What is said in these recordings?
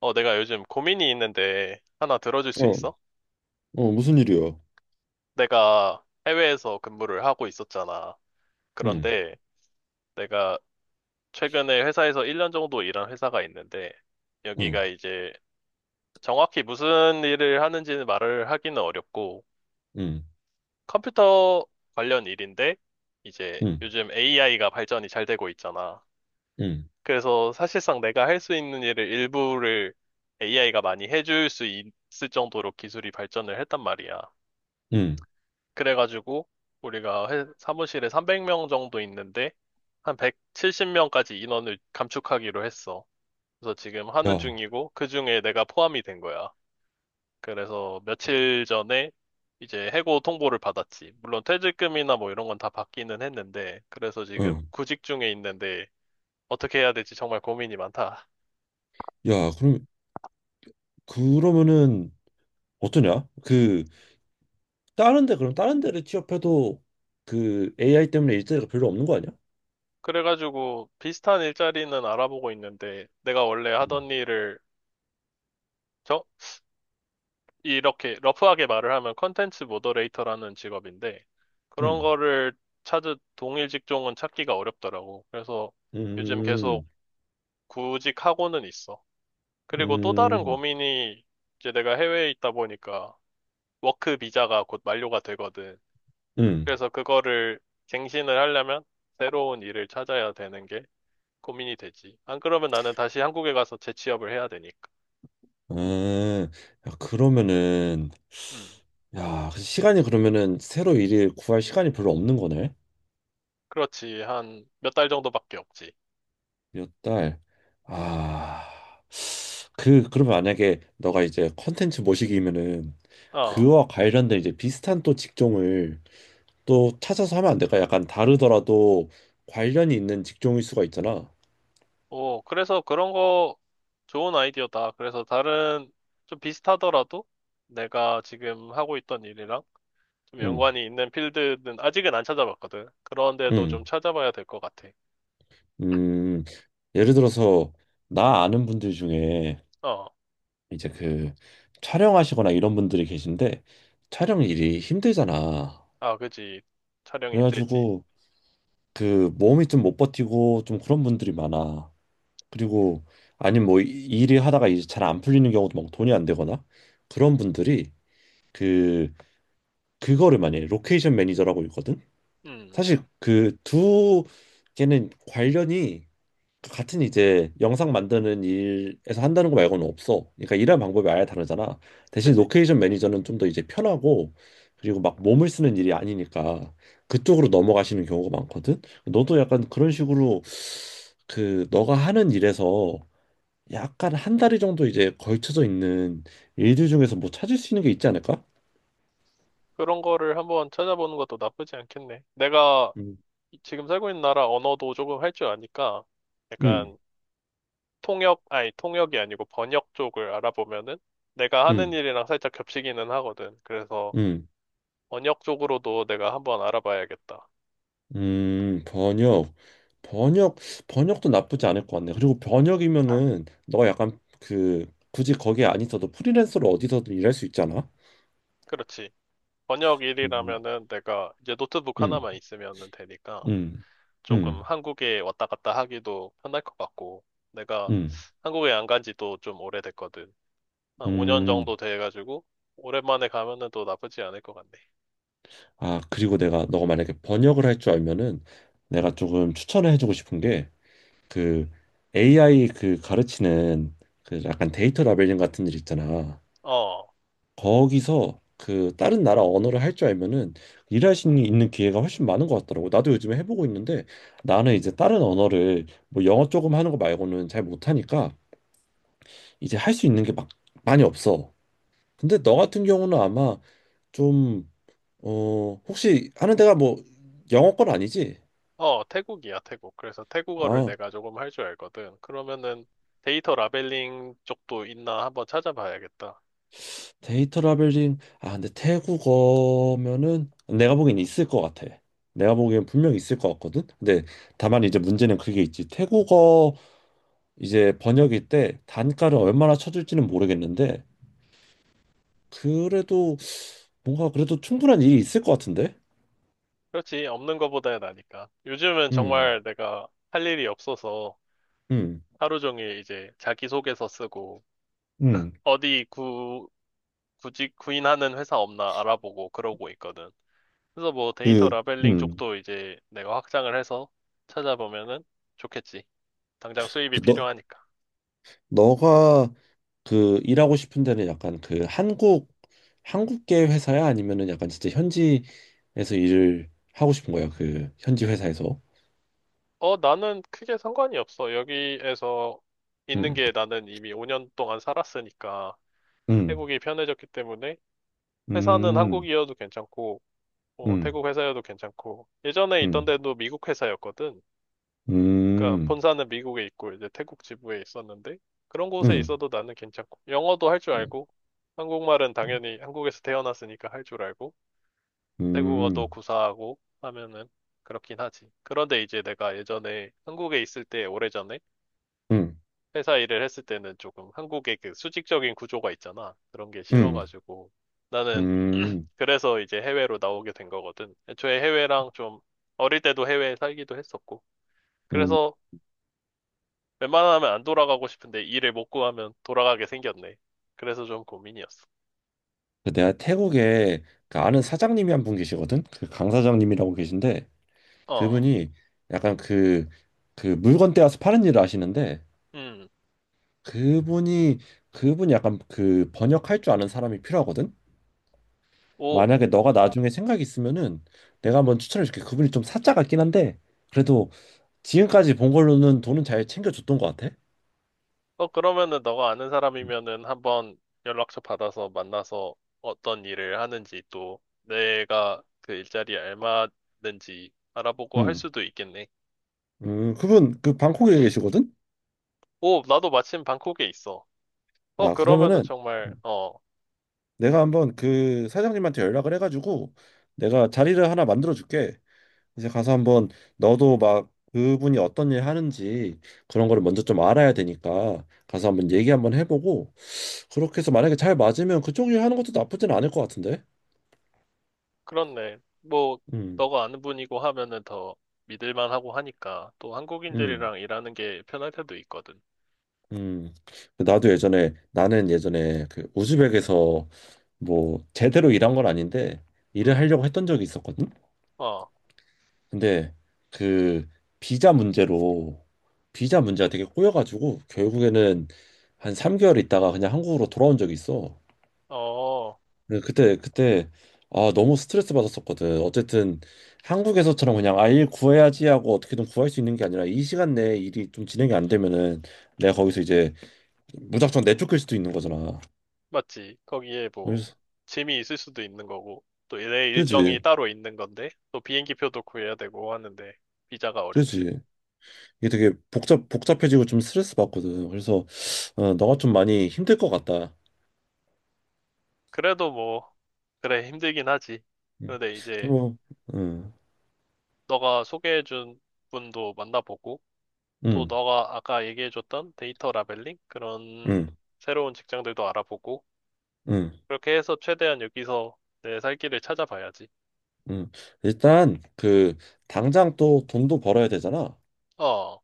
내가 요즘 고민이 있는데 하나 들어줄 수 어, 있어? 어, 무슨 일이야? 내가 해외에서 근무를 하고 있었잖아. 응, 그런데 내가 최근에 회사에서 1년 정도 일한 회사가 있는데 응, 여기가 이제 정확히 무슨 일을 하는지는 말을 하기는 어렵고 응, 컴퓨터 관련 일인데 이제 응, 요즘 AI가 발전이 잘 되고 있잖아. 응, 그래서 사실상 내가 할 수 있는 일을 일부를 AI가 많이 해줄 수 있을 정도로 기술이 발전을 했단 말이야. 응, 그래가지고 우리가 사무실에 300명 정도 있는데 한 170명까지 인원을 감축하기로 했어. 그래서 지금 하는 야, 중이고 그중에 내가 포함이 된 거야. 그래서 며칠 전에 이제 해고 통보를 받았지. 물론 퇴직금이나 뭐 이런 건 다 받기는 했는데 그래서 지금 응, 구직 중에 있는데 어떻게 해야 될지 정말 고민이 많다. 야, 그럼, 그러면은, 어떠냐? 그, 다른 데, 그럼 다른 데를 취업해도 그 AI 때문에 일자리가 별로 없는 거 아니야? 그래가지고 비슷한 일자리는 알아보고 있는데 내가 원래 응, 하던 일을 이렇게 러프하게 말을 하면 컨텐츠 모더레이터라는 직업인데 그런 응, 거를 찾은 동일 직종은 찾기가 어렵더라고. 그래서 요즘 계속 음, 구직하고는 있어. 그리고 또 다른 음, 고민이 이제 내가 해외에 있다 보니까 워크 비자가 곧 만료가 되거든. 음, 그래서 그거를 갱신을 하려면 새로운 일을 찾아야 되는 게 고민이 되지. 안 그러면 나는 다시 한국에 가서 재취업을 해야 되니까. 음, 야, 그러면은, 음, 야, 그 시간이 그러면은 새로 일을 구할 시간이 별로 없는 거네? 그렇지. 한 몇 달 정도밖에 없지. 몇 달. 아, 그, 그러면 만약에 너가 이제 컨텐츠 모시기면은 어. 그와 관련된 이제 비슷한 또 직종을 또 찾아서 하면 안 될까? 약간 다르더라도 관련이 있는 직종일 수가 있잖아. 오, 그래서 그런 거 좋은 아이디어다. 그래서 다른 좀 비슷하더라도 내가 지금 하고 있던 일이랑 좀 응, 연관이 있는 필드는 아직은 안 찾아봤거든. 그런데도 좀 응, 찾아봐야 될 것 같아. 음. 예를 들어서 나 아는 분들 중에 어, 이제 그 촬영하시거나 이런 분들이 계신데 촬영 일이 힘들잖아. 아, 그지. 촬영이 힘들지. 그래가지고 그 몸이 좀 못 버티고 좀 그런 분들이 많아. 그리고 아니면 뭐 일이 하다가 이제 잘 안 풀리는 경우도 막 돈이 안 되거나 그런 분들이 그 그거를 많이 해요. 로케이션 매니저라고 있거든. 음, 사실 그 두 개는 관련이 같은 이제 영상 만드는 일에서 한다는 거 말고는 없어. 그러니까 일하는 방법이 아예 다르잖아. 대신 그지. 로케이션 매니저는 좀 더 이제 편하고 그리고 막 몸을 쓰는 일이 아니니까 그쪽으로 넘어가시는 경우가 많거든. 너도 약간 그런 식으로 그 너가 하는 일에서 약간 한 다리 정도 이제 걸쳐져 있는 일들 중에서 뭐 찾을 수 있는 게 있지 않을까? 그런 거를 한번 찾아보는 것도 나쁘지 않겠네. 내가 음, 지금 살고 있는 나라 언어도 조금 할 줄 아니까 음, 약간 통역, 아니, 통역이 아니고 번역 쪽을 알아보면은 내가 하는 음, 일이랑 살짝 겹치기는 하거든. 그래서 음, 번역 쪽으로도 내가 한번 알아봐야겠다. 번역, 번역, 번역도 나쁘지 않을 것 같네. 그리고 번역이면은 너 약간 그 굳이 거기에 안 있어도 프리랜서로 어디서든 일할 수 있잖아. 그렇지. 번역 음, 일이라면은 내가 이제 노트북 음, 하나만 있으면은 되니까 음, 조금 음, 한국에 왔다 갔다 하기도 편할 것 같고 내가 음, 한국에 안 간 지도 좀 오래됐거든. 한 5년 음. 정도 돼가지고 오랜만에 가면은 또 나쁘지 않을 것 같네. 아, 그리고 내가 너가 만약에 번역을 할 줄 알면은 내가 조금 추천을 해주고 싶은 게 그 음. AI 그 가르치는 그 약간 데이터 라벨링 같은 일 있잖아. 어, 거기서 그 다른 나라 언어를 할 줄 알면은 일할 수 있는 기회가 훨씬 많은 것 같더라고. 나도 요즘에 해보고 있는데 나는 이제 다른 언어를 뭐 영어 조금 하는 거 말고는 잘 못하니까 이제 할 수 있는 게 막 많이 없어. 근데 너 같은 경우는 아마 좀, 어, 혹시 하는 데가 뭐 영어권 아니지? 어, 태국이야, 태국. 그래서 태국어를 아, 내가 조금 할 줄 알거든. 그러면은 데이터 라벨링 쪽도 있나 한번 찾아봐야겠다. 데이터 라벨링, 아 근데 태국어면은 내가 보기엔 있을 것 같아. 내가 보기엔 분명 있을 것 같거든. 근데 다만 이제 문제는 그게 있지. 태국어 이제 번역일 때 단가를 얼마나 쳐줄지는 모르겠는데 그래도 뭔가 그래도 충분한 일이 있을 것 같은데. 그렇지. 없는 것보다야 나니까. 요즘은 음, 정말 내가 할 일이 없어서 음, 하루 종일 이제 자기소개서 쓰고 음, 어디 구직, 구인하는 회사 없나 알아보고 그러고 있거든. 그래서 뭐 데이터 그, 라벨링 음, 쪽도 이제 내가 확장을 해서 찾아보면은 좋겠지. 당장 수입이 그 너, 필요하니까. 너가 그 일하고 싶은 데는 약간 그 한국 한국계 회사야 아니면은 약간 진짜 현지에서 일을 하고 싶은 거야 그 현지 회사에서? 어, 나는 크게 상관이 없어. 여기에서 있는 음, 게 나는 이미 5년 동안 살았으니까 태 음, 국이 편해졌기 때문에 회사는 음, 한국이어도 괜찮고 뭐 음, 태국 회사여도 괜찮고 예전에 있던 음, 데도 미국 회사였거든. 그러니까 음, 본사는 미국에 있고 이제 태국 지부에 있었는데 그런 음, 곳에 음, 있어도 나는 괜찮고 영어도 할 줄 알고 한국말은 당연히 한국에서 태어났으니까 할 줄 알고 태국어도 음, 구사하고 하면은 그렇긴 하지. 그런데 이제 내가 예전에 한국에 있을 때 오래전에 회사 일을 했을 때는 조금 한국의 그 수직적인 구조가 있잖아. 그런 게 음, 싫어가지고 나는 음, 그래서 이제 해외로 나오게 된 거거든. 애초에 해외랑 좀 어릴 때도 해외에 살기도 했었고. 음. 그래서 웬만하면 안 돌아가고 싶은데 일을 못 구하면 돌아가게 생겼네. 그래서 좀 고민이었어. 내가 태국에 그 아는 사장님이 한 분 계시거든. 그 강 사장님이라고 계신데 어, 그분이 약간 그 그 물건 떼어서 파는 일을 하시는데 음. 그분이 그분이 약간 그 번역할 줄 아는 사람이 필요하거든. 오, 만약에 너가 나중에 생각 이 있으면은 내가 한번 추천해 줄게. 그분이 좀 사짜 같긴 한데 그래도 지금까지 본 걸로는 돈은 잘 챙겨줬던 것 같아. 어, 그러면은 너가 아는 음, 사람이면은 한번 연락처 받아서 만나서 어떤 일을 하는지 또 내가 그 일자리에 알맞는지 알아보고 할 음, 수도 있겠네. 그분 그 방콕에 계시거든. 오, 나도 마침 방콕에 있어. 어, 아 그러면은 그러면은 정말, 내가 한번 그 사장님한테 연락을 해가지고 내가 자리를 하나 만들어 줄게. 이제 가서 한번 너도 막 그분이 어떤 일 하는지 그런 거를 먼저 좀 알아야 되니까 가서 한번 얘기 한번 해보고. 그렇게 해서 만약에 잘 맞으면 그쪽 일 하는 것도 나쁘진 않을 것 같은데. 그렇네. 뭐, 음, 너가 아는 분이고 하면은 더 믿을만 하고 하니까 또 음, 한국인들이랑 일하는 게 편할 때도 있거든. 음. 나도 예전에 나는 예전에 그 우즈벡에서 뭐 제대로 일한 건 아닌데 일을 음, 하려고 했던 적이 있었거든. 어, 근데 그 비자 문제로 비자 문제가 되게 꼬여가지고 결국에는 한 3개월 있다가 그냥 한국으로 돌아온 적이 있어. 어. 그때 아 너무 스트레스 받았었거든. 어쨌든 한국에서처럼 그냥 아 일 구해야지 하고 어떻게든 구할 수 있는 게 아니라 이 시간 내에 일이 좀 진행이 안 되면은 내가 거기서 이제 무작정 내쫓길 수도 있는 거잖아. 맞지? 거기에 뭐 그래서 짐이 있을 수도 있는 거고 또 내 일정이 그지 따로 있는 건데 또 비행기 표도 구해야 되고 하는데 비자가 어렵지. 그지 이게 되게 복잡 복잡해지고 좀 스트레스 받거든. 그래서 어, 너가 좀 많이 힘들 것 같다. 그래도 뭐 그래 힘들긴 하지. 음, 그런데 이제 뭐, 음, 너가 소개해준 분도 만나보고 또 음, 너가 아까 얘기해줬던 데이터 라벨링 그런 음, 새로운 직장들도 알아보고 음, 그렇게 해서 최대한 여기서 내 살 길을 찾아봐야지. 음. 일단 그 당장 또 돈도 벌어야 되잖아. 어,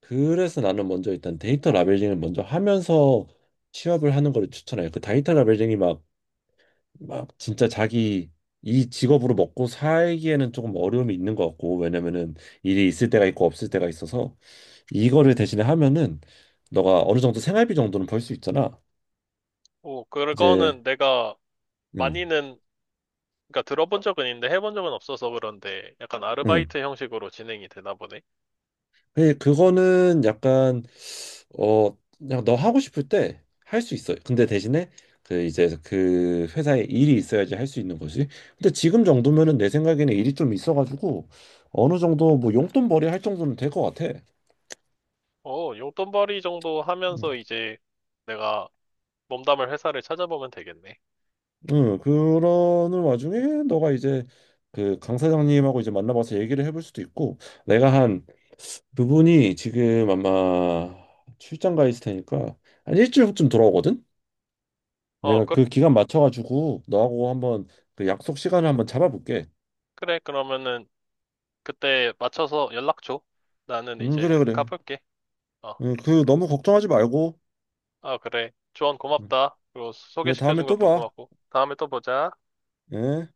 그래서 나는 먼저 일단 데이터 라벨링을 먼저 하면서 취업을 하는 거를 추천해요. 그 데이터 라벨링이 막, 막 진짜 자기 이 직업으로 먹고 살기에는 조금 어려움이 있는 것 같고, 왜냐면은 일이 있을 때가 있고 없을 때가 있어서 이거를 대신에 하면은 너가 어느 정도 생활비 정도는 벌 수 있잖아. 오, 이제, 그거는 내가 음 많이는 그러니까 들어본 적은 있는데 해본 적은 없어서 그런데 약간 음. 아르바이트 형식으로 진행이 되나 보네. 예, 그거는 약간 어 그냥 너 하고 싶을 때 할 수 있어요. 근데 대신에 그 이제 그 회사에 일이 있어야지 할 수 있는 거지. 근데 지금 정도면은 내 생각에는 일이 좀 있어가지고 어느 정도 뭐 용돈벌이 할 정도는 될 것 같아. 어, 용돈벌이 정도 음, 하면서 이제 내가 몸담을 회사를 찾아보면 되겠네. 그러는 와중에 너가 이제 그 강 사장님하고 이제 만나봐서 얘기를 해볼 수도 있고 내가 한 그분이 지금 아마 출장 가 있을 테니까 한 일주일 후쯤 돌아오거든. 어, 내가 그, 그 기간 맞춰가지고 너하고 한번 그 약속 시간을 한번 잡아볼게. 그래. 그러면은 그때 맞춰서 연락 줘. 나는 응, 이제 그래, 그래. 가볼게. 어, 응, 그 너무 걱정하지 말고. 아, 그래. 조언 응. 고맙다. 그리고 그래, 다음에 소개시켜준 또 것도 봐. 고맙고. 다음에 또 보자. 예.